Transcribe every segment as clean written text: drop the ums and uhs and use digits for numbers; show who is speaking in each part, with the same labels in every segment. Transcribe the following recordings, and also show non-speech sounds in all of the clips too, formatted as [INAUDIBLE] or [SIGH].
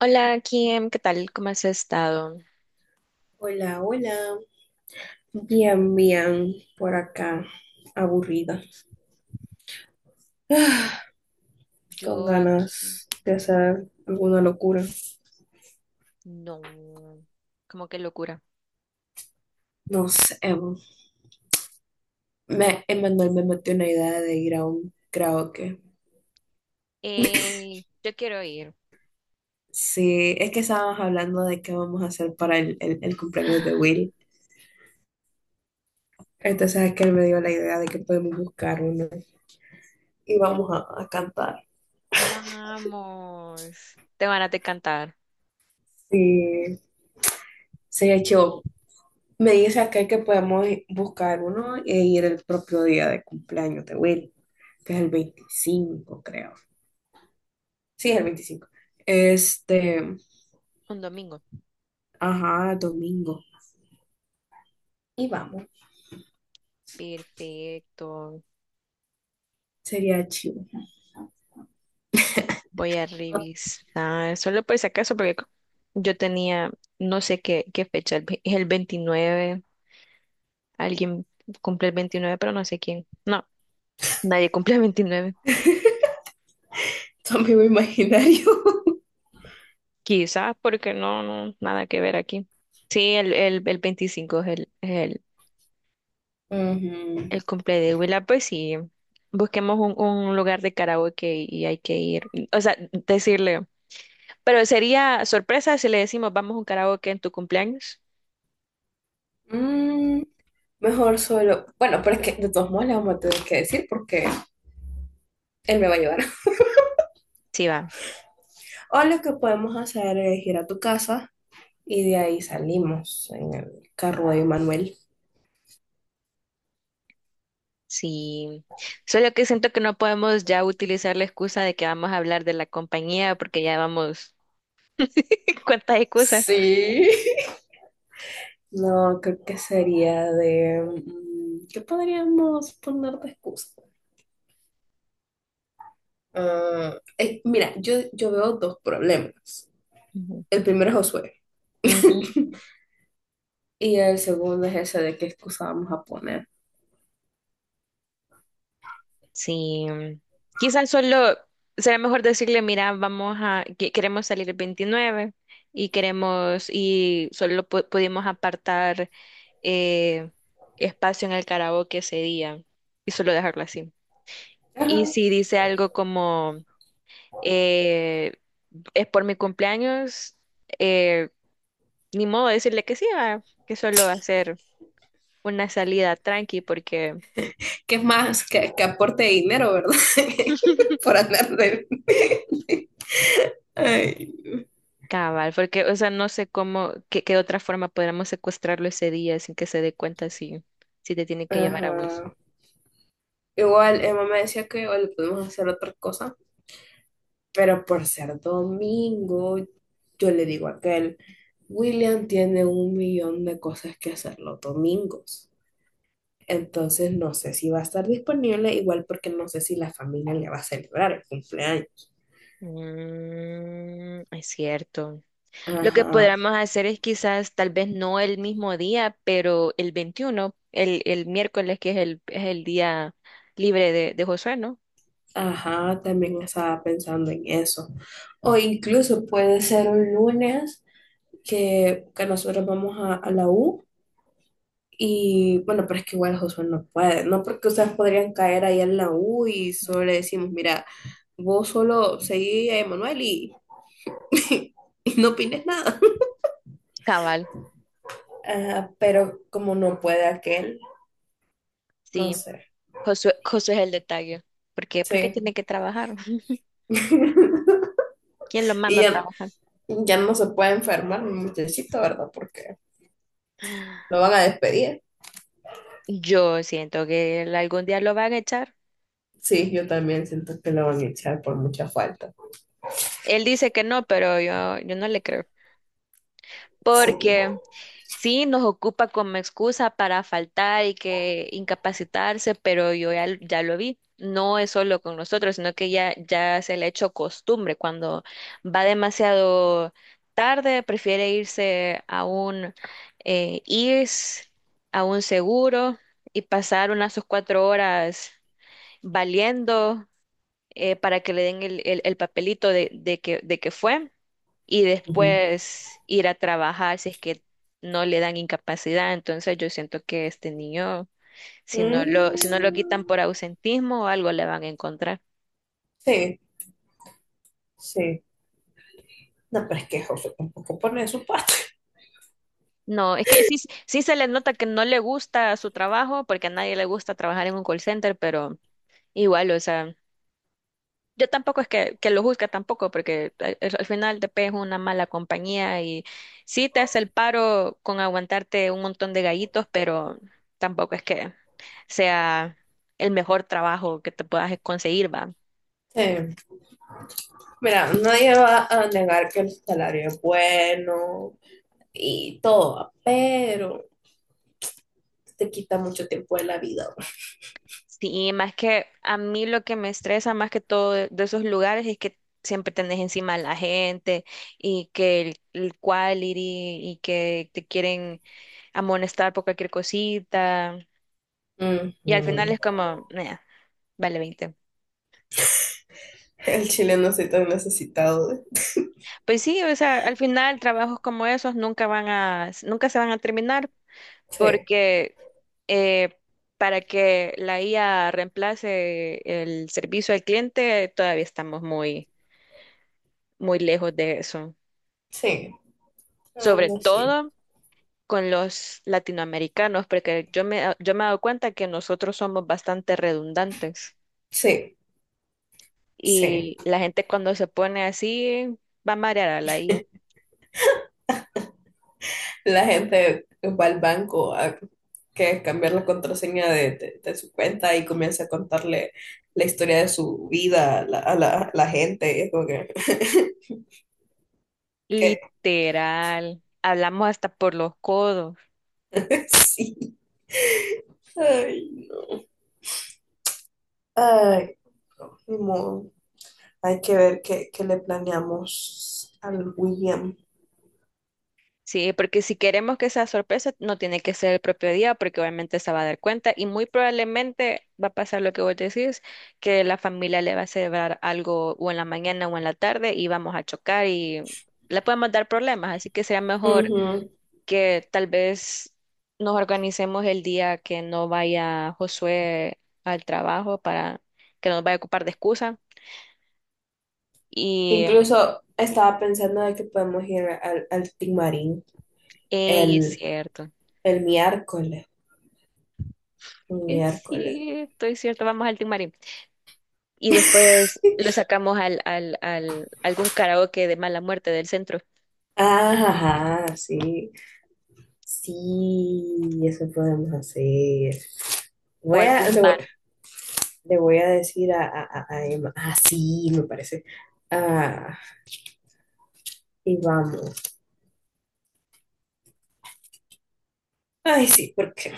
Speaker 1: Hola, Kim, ¿qué tal? ¿Cómo has estado?
Speaker 2: Hola, hola. Bien, bien, por acá, aburrida. Ah, con
Speaker 1: Yo aquí,
Speaker 2: ganas de hacer alguna locura.
Speaker 1: no, como que locura.
Speaker 2: No sé, Evo. Emanuel me metió una idea de ir a un karaoke.
Speaker 1: Yo quiero ir.
Speaker 2: Sí, es que estábamos hablando de qué vamos a hacer para el cumpleaños de Will. Entonces es que él me dio la idea de que podemos buscar uno y vamos a cantar.
Speaker 1: Vamos. Te van a cantar
Speaker 2: Sí, se echó. Me dice aquel que podemos buscar uno e ir el propio día de cumpleaños de Will, que es el 25, creo. Sí, es el 25. Este,
Speaker 1: un domingo.
Speaker 2: ajá, domingo. Y vamos.
Speaker 1: Perfecto.
Speaker 2: Sería chido.
Speaker 1: Voy a revisar, solo por si acaso, porque yo tenía, no sé qué, qué fecha, es el 29. Alguien cumple el 29, pero no sé quién. No, nadie cumple el 29.
Speaker 2: [LAUGHS] Tu amigo imaginario. [LAUGHS]
Speaker 1: Quizás porque no, no, nada que ver aquí. Sí, el 25 es
Speaker 2: Ujú.
Speaker 1: el cumple de Willa, pues sí, busquemos un lugar de karaoke y hay que ir, o sea, decirle, pero sería sorpresa si le decimos vamos a un karaoke en tu cumpleaños.
Speaker 2: Mm, Mejor solo. Bueno, pero es que de todos modos le vamos a tener que decir porque él me va a llevar. [LAUGHS]
Speaker 1: Sí, va,
Speaker 2: O lo que podemos hacer es ir a tu casa y de ahí salimos en el carro de Manuel.
Speaker 1: sí. Solo que siento que no podemos ya utilizar la excusa de que vamos a hablar de la compañía porque ya vamos, [LAUGHS] ¿cuántas excusas?
Speaker 2: Sí. No, creo que sería de... ¿Qué podríamos poner de excusa? Ah, mira, yo veo dos problemas.
Speaker 1: Ujú.
Speaker 2: El primero es Josué.
Speaker 1: Ujú.
Speaker 2: [LAUGHS] Y el segundo es ese de qué excusa vamos a poner.
Speaker 1: Sí, quizás solo será mejor decirle, mira, queremos salir el 29 y queremos, y solo pudimos apartar eh, espacio en el karaoke ese día y solo dejarlo así. Y
Speaker 2: Ajá.
Speaker 1: si dice algo como, eh, es por mi cumpleaños, eh, ni modo de decirle que sí, va, que solo hacer una salida tranqui porque
Speaker 2: Que es más que aporte dinero, ¿verdad? [LAUGHS] Por andar de... [LAUGHS] Ay.
Speaker 1: cabal, porque, o sea, no sé cómo, qué, qué otra forma podríamos secuestrarlo ese día sin que se dé cuenta si, si te tiene que llevar a vos.
Speaker 2: Ajá. Igual, Emma me decía que igual le podemos hacer otra cosa, pero por ser domingo, yo le digo a aquel, William tiene un millón de cosas que hacer los domingos. Entonces no sé si va a estar disponible, igual porque no sé si la familia le va a celebrar el cumpleaños.
Speaker 1: Mm, es cierto. Lo que
Speaker 2: Ajá,
Speaker 1: podríamos hacer es quizás, tal vez no el mismo día, pero el 21, el miércoles, que es el día libre de Josué, ¿no?
Speaker 2: ajá, también estaba pensando en eso. O incluso puede ser un lunes que nosotros vamos a la U. Y bueno, pero es que igual Josué no puede, no porque ustedes podrían caer ahí en la U y solo le decimos, mira, vos solo seguí a Emanuel y, [LAUGHS] y no opines nada.
Speaker 1: Cabal,
Speaker 2: Ajá, pero como no puede aquel, no
Speaker 1: sí.
Speaker 2: sé,
Speaker 1: Josué es el detalle. ¿Por qué? Porque
Speaker 2: sí.
Speaker 1: tiene que trabajar. [LAUGHS]
Speaker 2: [LAUGHS]
Speaker 1: ¿Quién lo
Speaker 2: Y
Speaker 1: manda a
Speaker 2: ya,
Speaker 1: trabajar?
Speaker 2: ya no se puede enfermar mi muchachito, ¿verdad? Porque lo van a despedir.
Speaker 1: Yo siento que él algún día lo van a echar.
Speaker 2: Sí, yo también siento que lo van a echar por mucha falta.
Speaker 1: Él dice que no, pero yo no le creo.
Speaker 2: Sí.
Speaker 1: Porque sí, nos ocupa como excusa para faltar y que incapacitarse, pero yo ya, ya lo vi. No es solo con nosotros, sino que ya, ya se le ha hecho costumbre. Cuando va demasiado tarde, prefiere irse a un IRS, a un seguro y pasar unas sus cuatro horas valiendo para que le den el papelito de que fue y
Speaker 2: Ujú.
Speaker 1: después ir a trabajar si es que no le dan incapacidad. Entonces yo siento que este niño,
Speaker 2: Mm,
Speaker 1: si no lo quitan por ausentismo o algo le van a encontrar.
Speaker 2: sí, sí. No, pero es que José tampoco pone de su parte.
Speaker 1: No, es que sí, sí se le nota que no le gusta su trabajo, porque a nadie le gusta trabajar en un call center, pero igual, o sea. Yo tampoco es que lo juzgue tampoco, porque al final DP es una mala compañía y sí te hace el paro con aguantarte un montón de gallitos, pero tampoco es que sea el mejor trabajo que te puedas conseguir, va.
Speaker 2: Sí. Mira, nadie va a negar que el salario es bueno y todo, pero te quita mucho tiempo de la vida.
Speaker 1: Sí, más que a mí lo que me estresa más que todo de esos lugares es que siempre tenés encima a la gente y que el quality y que te quieren amonestar por cualquier cosita y al final
Speaker 2: Ujú.
Speaker 1: es como, "Nah, vale veinte".
Speaker 2: El chileno soy tan necesitado.
Speaker 1: Pues sí, o sea, al final trabajos como esos nunca van a, nunca se van a terminar
Speaker 2: Sí,
Speaker 1: porque eh, para que la IA reemplace el servicio al cliente, todavía estamos muy, muy lejos de eso.
Speaker 2: sí, la
Speaker 1: Sobre
Speaker 2: verdad sí.
Speaker 1: todo con los latinoamericanos, porque yo me, ah, yo me he dado cuenta que nosotros somos bastante redundantes
Speaker 2: Sí, sí.
Speaker 1: y la gente cuando se pone así va a marear a la IA.
Speaker 2: La gente va al banco a que cambiar la contraseña de su cuenta y comienza a contarle la historia de su vida a la gente. Y es como que, [LAUGHS] que-
Speaker 1: Literal, hablamos hasta por los codos.
Speaker 2: [LAUGHS] sí. Ay, no. Ay, no. Ni modo. Hay que ver qué le planeamos al William.
Speaker 1: Sí, porque si queremos que sea sorpresa, no tiene que ser el propio día, porque obviamente se va a dar cuenta y muy probablemente va a pasar lo que vos decís, que la familia le va a celebrar algo o en la mañana o en la tarde y vamos a chocar y le podemos dar problemas, así que será mejor
Speaker 2: Ujú.
Speaker 1: que tal vez nos organicemos el día que no vaya Josué al trabajo para que no nos vaya a ocupar de excusa y,
Speaker 2: Incluso estaba pensando de que podemos ir al Timarín
Speaker 1: ey, es
Speaker 2: el,
Speaker 1: cierto,
Speaker 2: el miércoles. Un miércoles.
Speaker 1: es cierto, vamos al Team y
Speaker 2: [LAUGHS]
Speaker 1: después lo sacamos al algún karaoke de mala muerte del centro
Speaker 2: Ah, ajá, sí. Sí, eso podemos hacer.
Speaker 1: o
Speaker 2: Voy a,
Speaker 1: algún bar.
Speaker 2: le voy a decir a Emma. Ah, sí, me parece. Ah, y vamos. Ay, sí, porque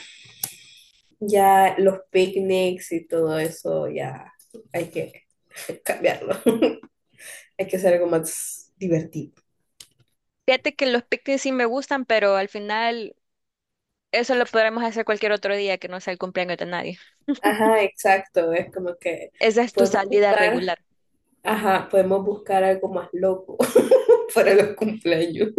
Speaker 2: ya los picnics y todo eso, ya hay que [LAUGHS] cambiarlo. [LAUGHS] Hay que hacer algo más divertido.
Speaker 1: Fíjate que los picnics sí me gustan, pero al final eso lo podremos hacer cualquier otro día que no sea el cumpleaños de nadie.
Speaker 2: Ajá, exacto. Es como que
Speaker 1: Esa es tu
Speaker 2: podemos
Speaker 1: salida
Speaker 2: buscar,
Speaker 1: regular.
Speaker 2: ajá, podemos buscar algo más loco [LAUGHS] para los cumpleaños.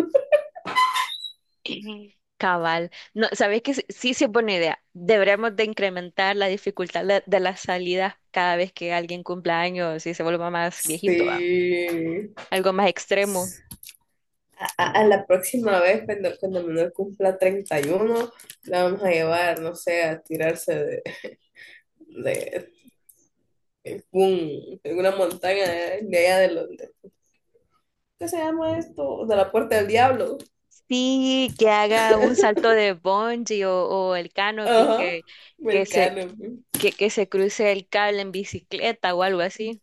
Speaker 1: Ujú. Cabal. No, ¿sabes qué? Sí, sí, es buena idea. Deberíamos de incrementar la dificultad de las salidas cada vez que alguien cumpla años y se vuelva más viejito, ¿va?
Speaker 2: Sí.
Speaker 1: Algo más extremo.
Speaker 2: A la próxima vez, cuando Manuel cumpla 31, la vamos a llevar, no sé, a tirarse de, de una montaña de allá de Londres ¿Qué se llama esto? De la Puerta del Diablo.
Speaker 1: Sí, que haga un salto de bungee o el canopy
Speaker 2: Ajá,
Speaker 1: que se,
Speaker 2: Mercano.
Speaker 1: que se cruce el cable en bicicleta o algo así.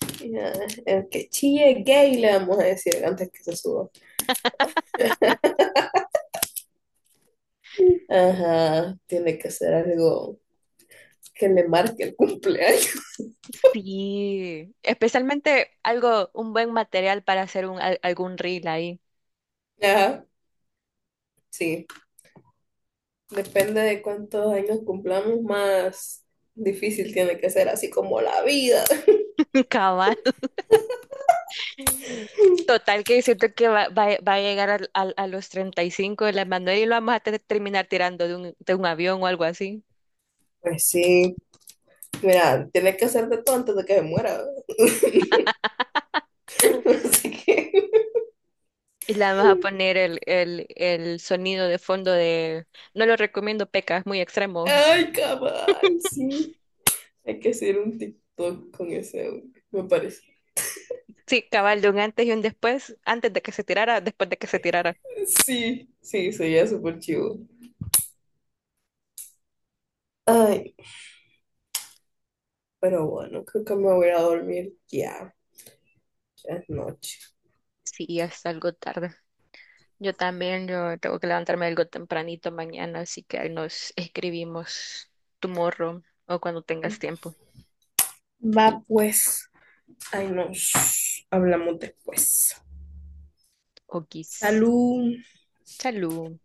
Speaker 2: [LAUGHS] El que chille gay le vamos a decir antes que se suba. Ajá, tiene que ser algo que le marque el cumpleaños.
Speaker 1: Sí, especialmente algo, un buen material para hacer algún reel ahí.
Speaker 2: [LAUGHS] Ajá, sí. Depende de cuántos años cumplamos, más difícil tiene que ser, así como la vida.
Speaker 1: [LAUGHS] Cabal. Total que siento que va a llegar los 35 de la Manuel y lo vamos a terminar tirando de un avión o algo así.
Speaker 2: Pues sí, mira, tiene que hacer de todo antes de que se muera. [LAUGHS] Así que,
Speaker 1: Y le vamos a poner el sonido de fondo de... No lo recomiendo, Peca, es muy extremo.
Speaker 2: ay, cabal, sí. Hay que hacer un TikTok con ese, me parece.
Speaker 1: Sí, cabal, de un antes y un después, antes de que se tirara, después de que se tirara.
Speaker 2: Sí, sí, sería súper chivo. Ay, pero bueno, creo que me voy a ir a dormir ya. Ya es noche.
Speaker 1: Sí, es algo tarde. Yo también, yo tengo que levantarme algo tempranito mañana, así que ahí nos escribimos tomorrow o cuando tengas tiempo.
Speaker 2: Va pues. Ay, nos hablamos después.
Speaker 1: Okis.
Speaker 2: Salud.
Speaker 1: Salud.